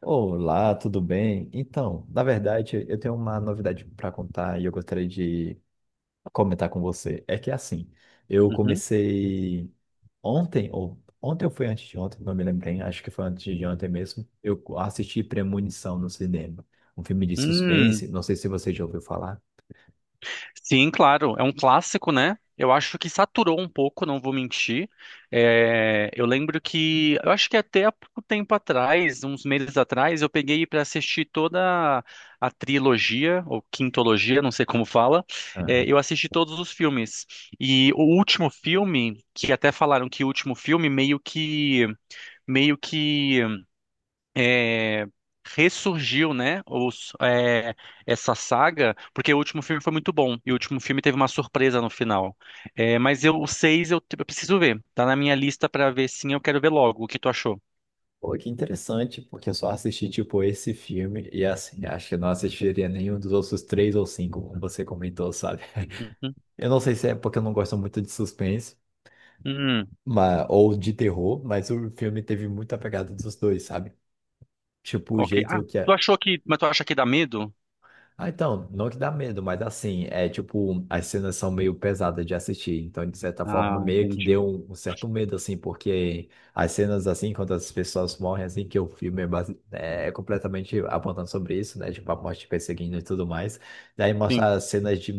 Olá, tudo bem? Então, na verdade, eu tenho uma novidade para contar e eu gostaria de comentar com você. É que assim, eu Uhum. comecei ontem, ou ontem ou foi antes de ontem, não me lembro bem, acho que foi antes de ontem mesmo. Eu assisti Premonição no cinema, um filme de Hum, suspense, não sei se você já ouviu falar. sim, claro, é um clássico, né? Eu acho que saturou um pouco, não vou mentir. É, eu lembro que, eu acho que até há pouco tempo atrás, uns meses atrás, eu peguei para assistir toda a trilogia, ou quintologia, não sei como fala. É, Aham. eu assisti todos os filmes. E o último filme, que até falaram que o último filme meio que é, ressurgiu, né, essa saga, porque o último filme foi muito bom, e o último filme teve uma surpresa no final. É, mas eu, o seis eu preciso ver, tá na minha lista pra ver sim, eu quero ver logo. O que tu achou? Pô, que interessante, porque eu só assisti, tipo, esse filme e, assim, acho que eu não assistiria nenhum dos outros três ou cinco, como você comentou, sabe? Uhum. Eu não sei se é porque eu não gosto muito de suspense, Hum, ou de terror, mas o filme teve muita pegada dos dois, sabe? Tipo, o ok. Ah, jeito que mas tu acha que dá medo? ah, então, não que dá medo, mas assim, é tipo, as cenas são meio pesadas de assistir, então de certa forma Ah, meio que entendi. deu um certo medo, assim, porque as cenas assim, quando as pessoas morrem, assim, que o filme é, é completamente apontando sobre isso, né, tipo, a morte perseguindo e tudo mais, daí Sim. mostra as cenas de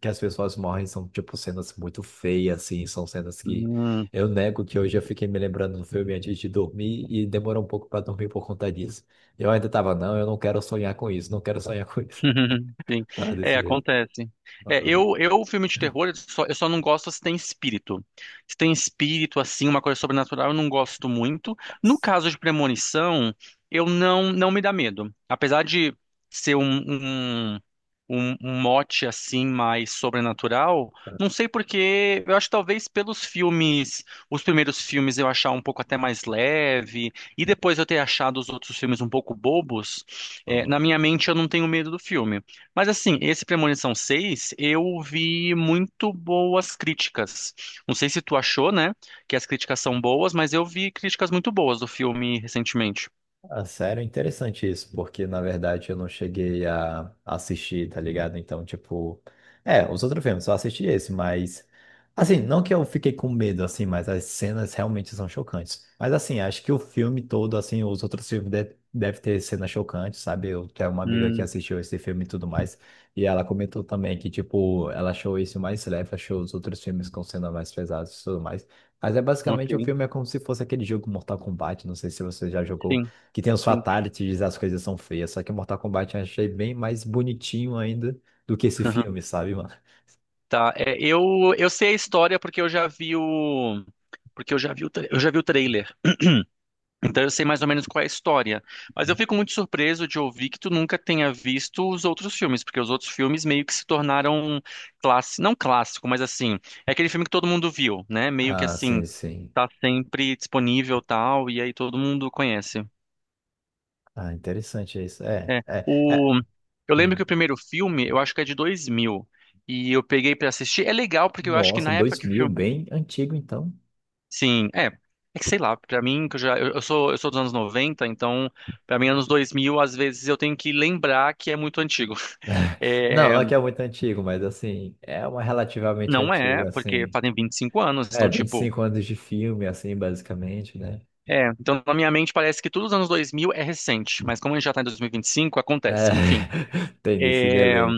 que as pessoas morrem, são tipo cenas muito feias, assim, são cenas que Hum. eu nego que hoje eu fiquei me lembrando do filme antes de dormir e demorou um pouco para dormir por conta disso. Eu ainda tava, não, eu não quero sonhar com isso, não quero sonhar com isso. Sim. Tá, É, desse jeito. acontece. É, Aham. eu, filme de terror, eu só não gosto se tem espírito. Se tem espírito, assim, uma coisa sobrenatural, eu não gosto muito. No Nossa. caso de premonição, eu não, não me dá medo. Apesar de ser um mote, assim, mais sobrenatural, não sei porque, eu acho que talvez pelos filmes, os primeiros filmes eu achar um pouco até mais leve, e depois eu ter achado os outros filmes um pouco bobos, Aham. na minha mente, eu não tenho medo do filme. Mas, assim, esse Premonição 6 eu vi muito boas críticas. Não sei se tu achou, né, que as críticas são boas, mas eu vi críticas muito boas do filme recentemente. Ah, sério, é interessante isso, porque na verdade eu não cheguei a assistir, tá ligado? Então, tipo, é, os outros filmes, só assisti esse, mas assim, não que eu fiquei com medo, assim, mas as cenas realmente são chocantes. Mas assim, acho que o filme todo, assim, os outros filmes de deve ter cenas chocantes, sabe? Eu tenho uma amiga que Hum, assistiu esse filme e tudo mais, e ela comentou também que, tipo, ela achou isso mais leve, achou os outros filmes com cenas mais pesadas e tudo mais. Mas é basicamente o ok. filme é como se fosse aquele jogo Mortal Kombat, não sei se você já jogou Sim, que tem os sim. fatalities, as coisas são feias. Só que Mortal Kombat eu achei bem mais bonitinho ainda do que esse Aham. filme, sabe, mano? Tá, eu sei a história porque eu já vi o. Porque eu já vi o trailer. Então eu sei mais ou menos qual é a história. Mas eu fico muito surpreso de ouvir que tu nunca tenha visto os outros filmes, porque os outros filmes meio que se tornaram clássico, não clássico, mas assim, é aquele filme que todo mundo viu, né? Meio que Ah, assim, sim, sim. tá sempre disponível tal, e aí todo mundo conhece. Ah, interessante isso. É, É, é, é. o. Eu lembro que o Hum. primeiro filme, eu acho que é de 2000, e eu peguei pra assistir. É legal, porque eu acho que Nossa, na época dois que o mil, filme. bem antigo então. Sim, é. É que sei lá, pra mim, que eu já. Eu sou dos anos 90 então, pra mim, anos 2000 às vezes eu tenho que lembrar que é muito antigo. Não, É, não é que é muito antigo, mas assim, é uma relativamente não é, antiga, porque assim. fazem 25 anos, É, então, vinte e tipo. cinco anos de filme, assim, basicamente, né? É, então na minha mente parece que tudo os anos 2000 é recente, mas como a gente já tá em dois mil e vinte e cinco É, acontece. Enfim, tem desse delay.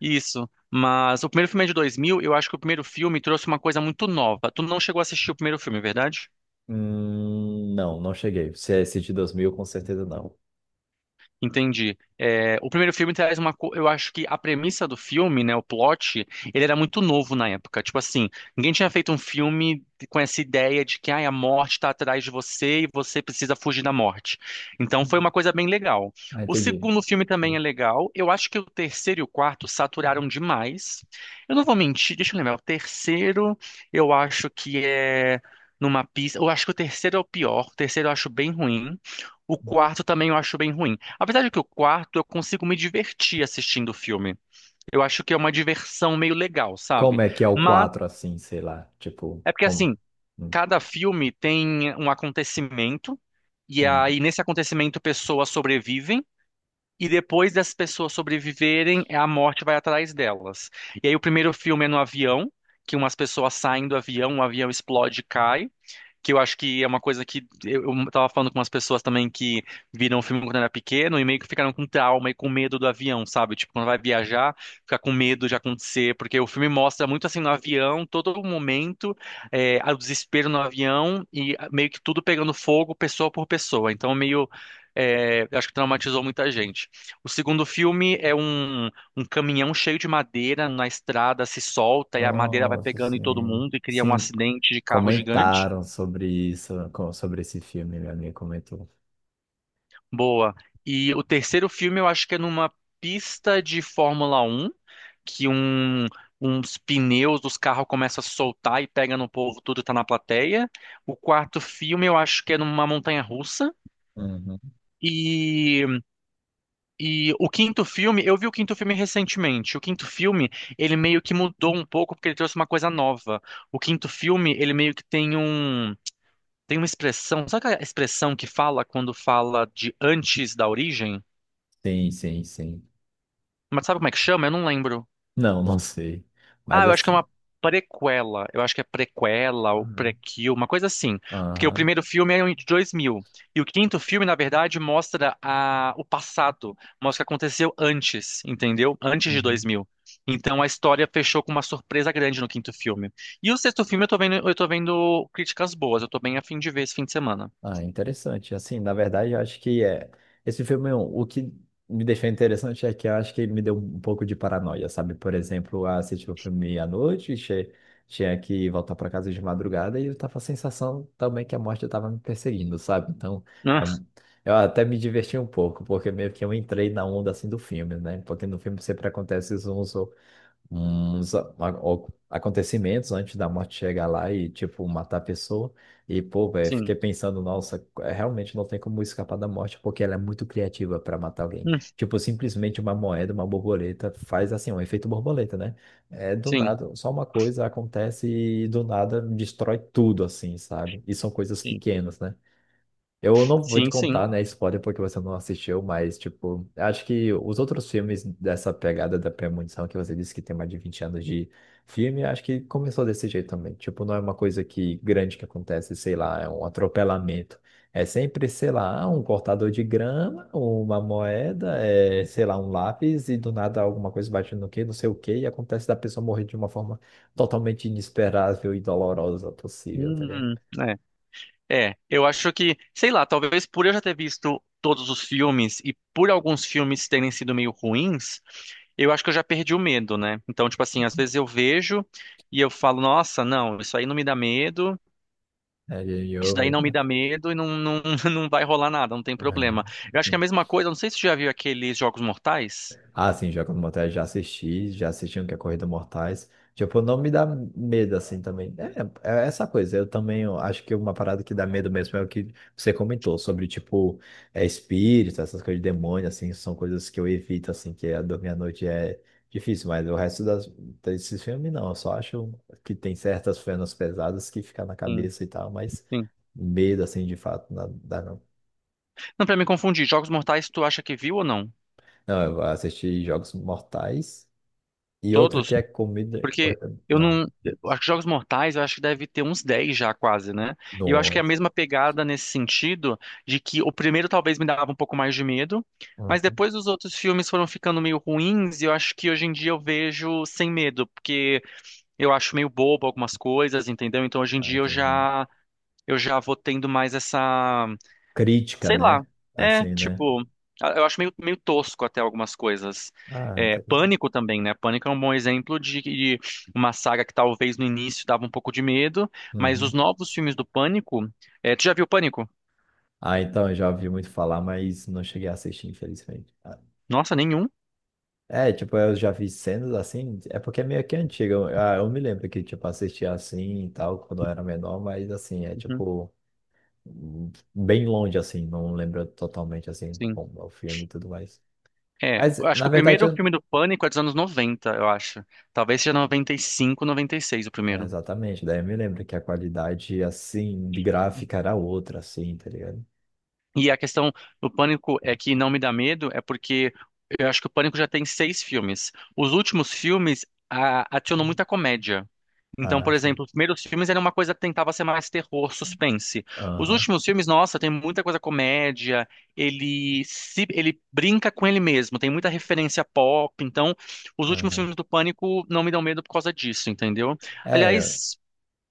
isso. Mas o primeiro filme é de 2000. Eu acho que o primeiro filme trouxe uma coisa muito nova. Tu não chegou a assistir o primeiro filme, é verdade? Não, não cheguei. Se é esse de 2000, com certeza não. Entendi. É, o primeiro filme traz Eu acho que a premissa do filme, né, o plot, ele era muito novo na época. Tipo assim, ninguém tinha feito um filme com essa ideia de que ai, a morte está atrás de você e você precisa fugir da morte. Então foi uma coisa bem legal. Ah, O entendi. segundo filme também é legal. Eu acho que o terceiro e o quarto saturaram demais. Eu não vou mentir, deixa eu lembrar. O terceiro, eu acho que é numa pista. Eu acho que o terceiro é o pior. O terceiro eu acho bem ruim. O quarto também eu acho bem ruim. Apesar de que o quarto eu consigo me divertir assistindo o filme. Eu acho que é uma diversão meio legal, Como sabe? é que é o Mas 4 assim, sei lá? Tipo, é porque como. assim, Hum, cada filme tem um acontecimento e hum. aí nesse acontecimento pessoas sobrevivem e depois das pessoas sobreviverem, a morte vai atrás delas. E aí o primeiro filme é no avião, que umas pessoas saem do avião, o avião explode e cai que eu acho que é uma coisa que eu tava falando com umas pessoas também que viram o filme quando era pequeno e meio que ficaram com trauma e com medo do avião, sabe? Tipo, quando vai viajar, ficar com medo de acontecer, porque o filme mostra muito assim no avião, todo momento, o desespero no avião e ah, meio que tudo pegando fogo, pessoa por pessoa. Então, meio. Acho que traumatizou muita gente. O segundo filme é um caminhão cheio de madeira na estrada se solta e a madeira vai Nossa, pegando em todo sim. mundo e cria um Sim, acidente de carro gigante. comentaram sobre isso, sobre esse filme, minha amiga comentou. Boa. E o terceiro filme eu acho que é numa pista de Fórmula 1 que uns pneus dos carros começam a soltar e pega no povo, tudo tá na plateia. O quarto filme eu acho que é numa montanha russa. Uhum. E, e o quinto filme, eu vi o quinto filme recentemente. O quinto filme, ele meio que mudou um pouco porque ele trouxe uma coisa nova. O quinto filme, ele meio que tem uma expressão, sabe aquela expressão que fala quando fala de antes da origem? Sim, sim, sim. Mas sabe como é que chama? Eu não lembro. Não, não sei. Ah, Mas eu acho que é assim. uma prequela. Eu acho que é prequela ou Aham. prequel, uma coisa assim. Porque o Aham. primeiro filme é de dois mil. E o quinto filme, na verdade, mostra o passado. Mostra o que aconteceu antes, entendeu? Antes de dois Uhum. mil. Então a história fechou com uma surpresa grande no quinto filme. E o sexto filme eu tô vendo, críticas boas. Eu tô bem a fim de ver esse fim de semana. Ah, interessante. Assim, na verdade, eu acho que é. Esse filme, o que me deixou interessante é que eu acho que ele me deu um pouco de paranoia, sabe? Por exemplo, eu assisti o filme à noite, tinha que voltar para casa de madrugada e eu tava com a sensação também que a morte estava me perseguindo, sabe? Então, é Ah, um- eu até me diverti um pouco, porque meio que eu entrei na onda assim do filme, né? Porque no filme sempre acontece uns acontecimentos antes da morte chegar lá e, tipo, matar a pessoa. E, pô, velho, fiquei sim. pensando, nossa, é, realmente não tem como escapar da morte, porque ela é muito criativa para matar alguém. Hum, Tipo, simplesmente uma moeda, uma borboleta, faz assim, um efeito borboleta, né? É do sim. nada, só uma coisa acontece e do nada destrói tudo, assim, sabe? E são coisas Sim. pequenas, né? Eu não vou te Sim, sim. contar, né, spoiler, porque você não assistiu, mas, tipo, acho que os outros filmes dessa pegada da premonição, que você disse que tem mais de 20 anos de filme, acho que começou desse jeito também. Tipo, não é uma coisa que grande que acontece, sei lá, é um atropelamento. É sempre, sei lá, ah, um cortador de grama, uma moeda, é, sei lá, um lápis, e do nada alguma coisa bate no quê, não sei o quê, e acontece da pessoa morrer de uma forma totalmente inesperável e dolorosa possível, tá ligado? É. É, eu acho que, sei lá, talvez por eu já ter visto todos os filmes e por alguns filmes terem sido meio ruins, eu acho que eu já perdi o medo, né? Então, tipo assim, às vezes eu vejo e eu falo, nossa, não, isso aí não me dá medo, É game isso daí over, não me né? dá medo e não, não, não vai rolar nada, não tem problema. Ah. Eu acho que é a mesma coisa, não sei se você já viu aqueles Jogos Mortais. Ah, sim, Jogos Mortais já assisti um que é Corrida Mortais. Tipo, não me dá medo assim também. É, é essa coisa. Eu também eu acho que uma parada que dá medo mesmo é o que você comentou sobre, tipo, é espírito, essas coisas de demônio, assim, são coisas que eu evito, assim, que é dormir à noite é difícil, mas o resto das, desses filmes não. Eu só acho que tem certas cenas pesadas que ficam na Sim, cabeça e tal, mas sim. medo, assim, de fato, não dá não. Não, pra me confundir, Jogos Mortais tu acha que viu ou não? Não, eu assisti Jogos Mortais. E outro Todos. que é comida. Porque eu Não. não. eu Acho que Jogos Mortais, eu acho que deve ter 10 já, quase, né? E eu acho que é No. a mesma pegada nesse sentido, de que o primeiro talvez me dava um pouco mais de medo, mas Uhum. depois os outros filmes foram ficando meio ruins, e eu acho que hoje em dia eu vejo sem medo, porque eu acho meio bobo algumas coisas, entendeu? Então hoje em Ah, dia eu entendi. já. Eu já vou tendo mais essa. Crítica, Sei lá. né? É, Assim, né? tipo, eu acho meio, meio tosco até algumas coisas. Ah, É, interessante. Pânico também, né? Pânico é um bom exemplo de uma saga que talvez no início dava um pouco de medo, mas os Uhum. novos filmes do Pânico. Tu já viu Pânico? Ah, então, eu já ouvi muito falar, mas não cheguei a assistir, infelizmente. Ah, Nossa, nenhum? é, tipo, eu já vi cenas assim, é porque é meio que antiga. Ah, eu me lembro que, tipo, assistia assim e tal, quando eu era menor, mas assim, é Uhum, tipo, bem longe, assim, não lembro totalmente, assim, sim. como é o filme e tudo mais. É, Mas, eu acho na que o verdade, primeiro eu. filme do Pânico é dos anos 90 eu acho. Talvez seja noventa noventa e cinco noventa e seis o É, primeiro. exatamente, daí eu me lembro que a qualidade, assim, de gráfica era outra, assim, tá ligado? E a questão do Pânico é que não me dá medo, é porque eu acho que o Pânico já tem seis filmes. Os últimos filmes adicionam muita comédia. Então, Ah, por sim. exemplo, os primeiros filmes era uma coisa que tentava ser mais terror, suspense. Os Aham, últimos filmes, nossa, tem muita coisa comédia, ele se ele brinca com ele mesmo, tem muita referência pop, então os últimos aham. filmes do Pânico não me dão medo por causa disso, entendeu? É, Aliás,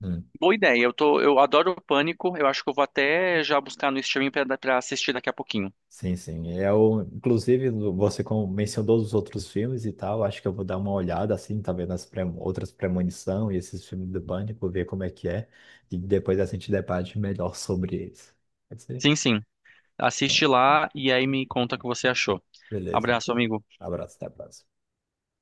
hum, boa ideia. Eu adoro o Pânico. Eu acho que eu vou até já buscar no streaming pra assistir daqui a pouquinho. sim, sim. Eu, inclusive, você mencionou os outros filmes e tal, acho que eu vou dar uma olhada, assim, tá vendo as outras Premonição e esses filmes do Pânico, ver como é que é, e depois a gente debate melhor sobre eles. Pode ser? Sim, sim. Bom, Assiste lá e aí me conta o que você achou. beleza, Abraço, então. amigo. Abraço, até a próxima.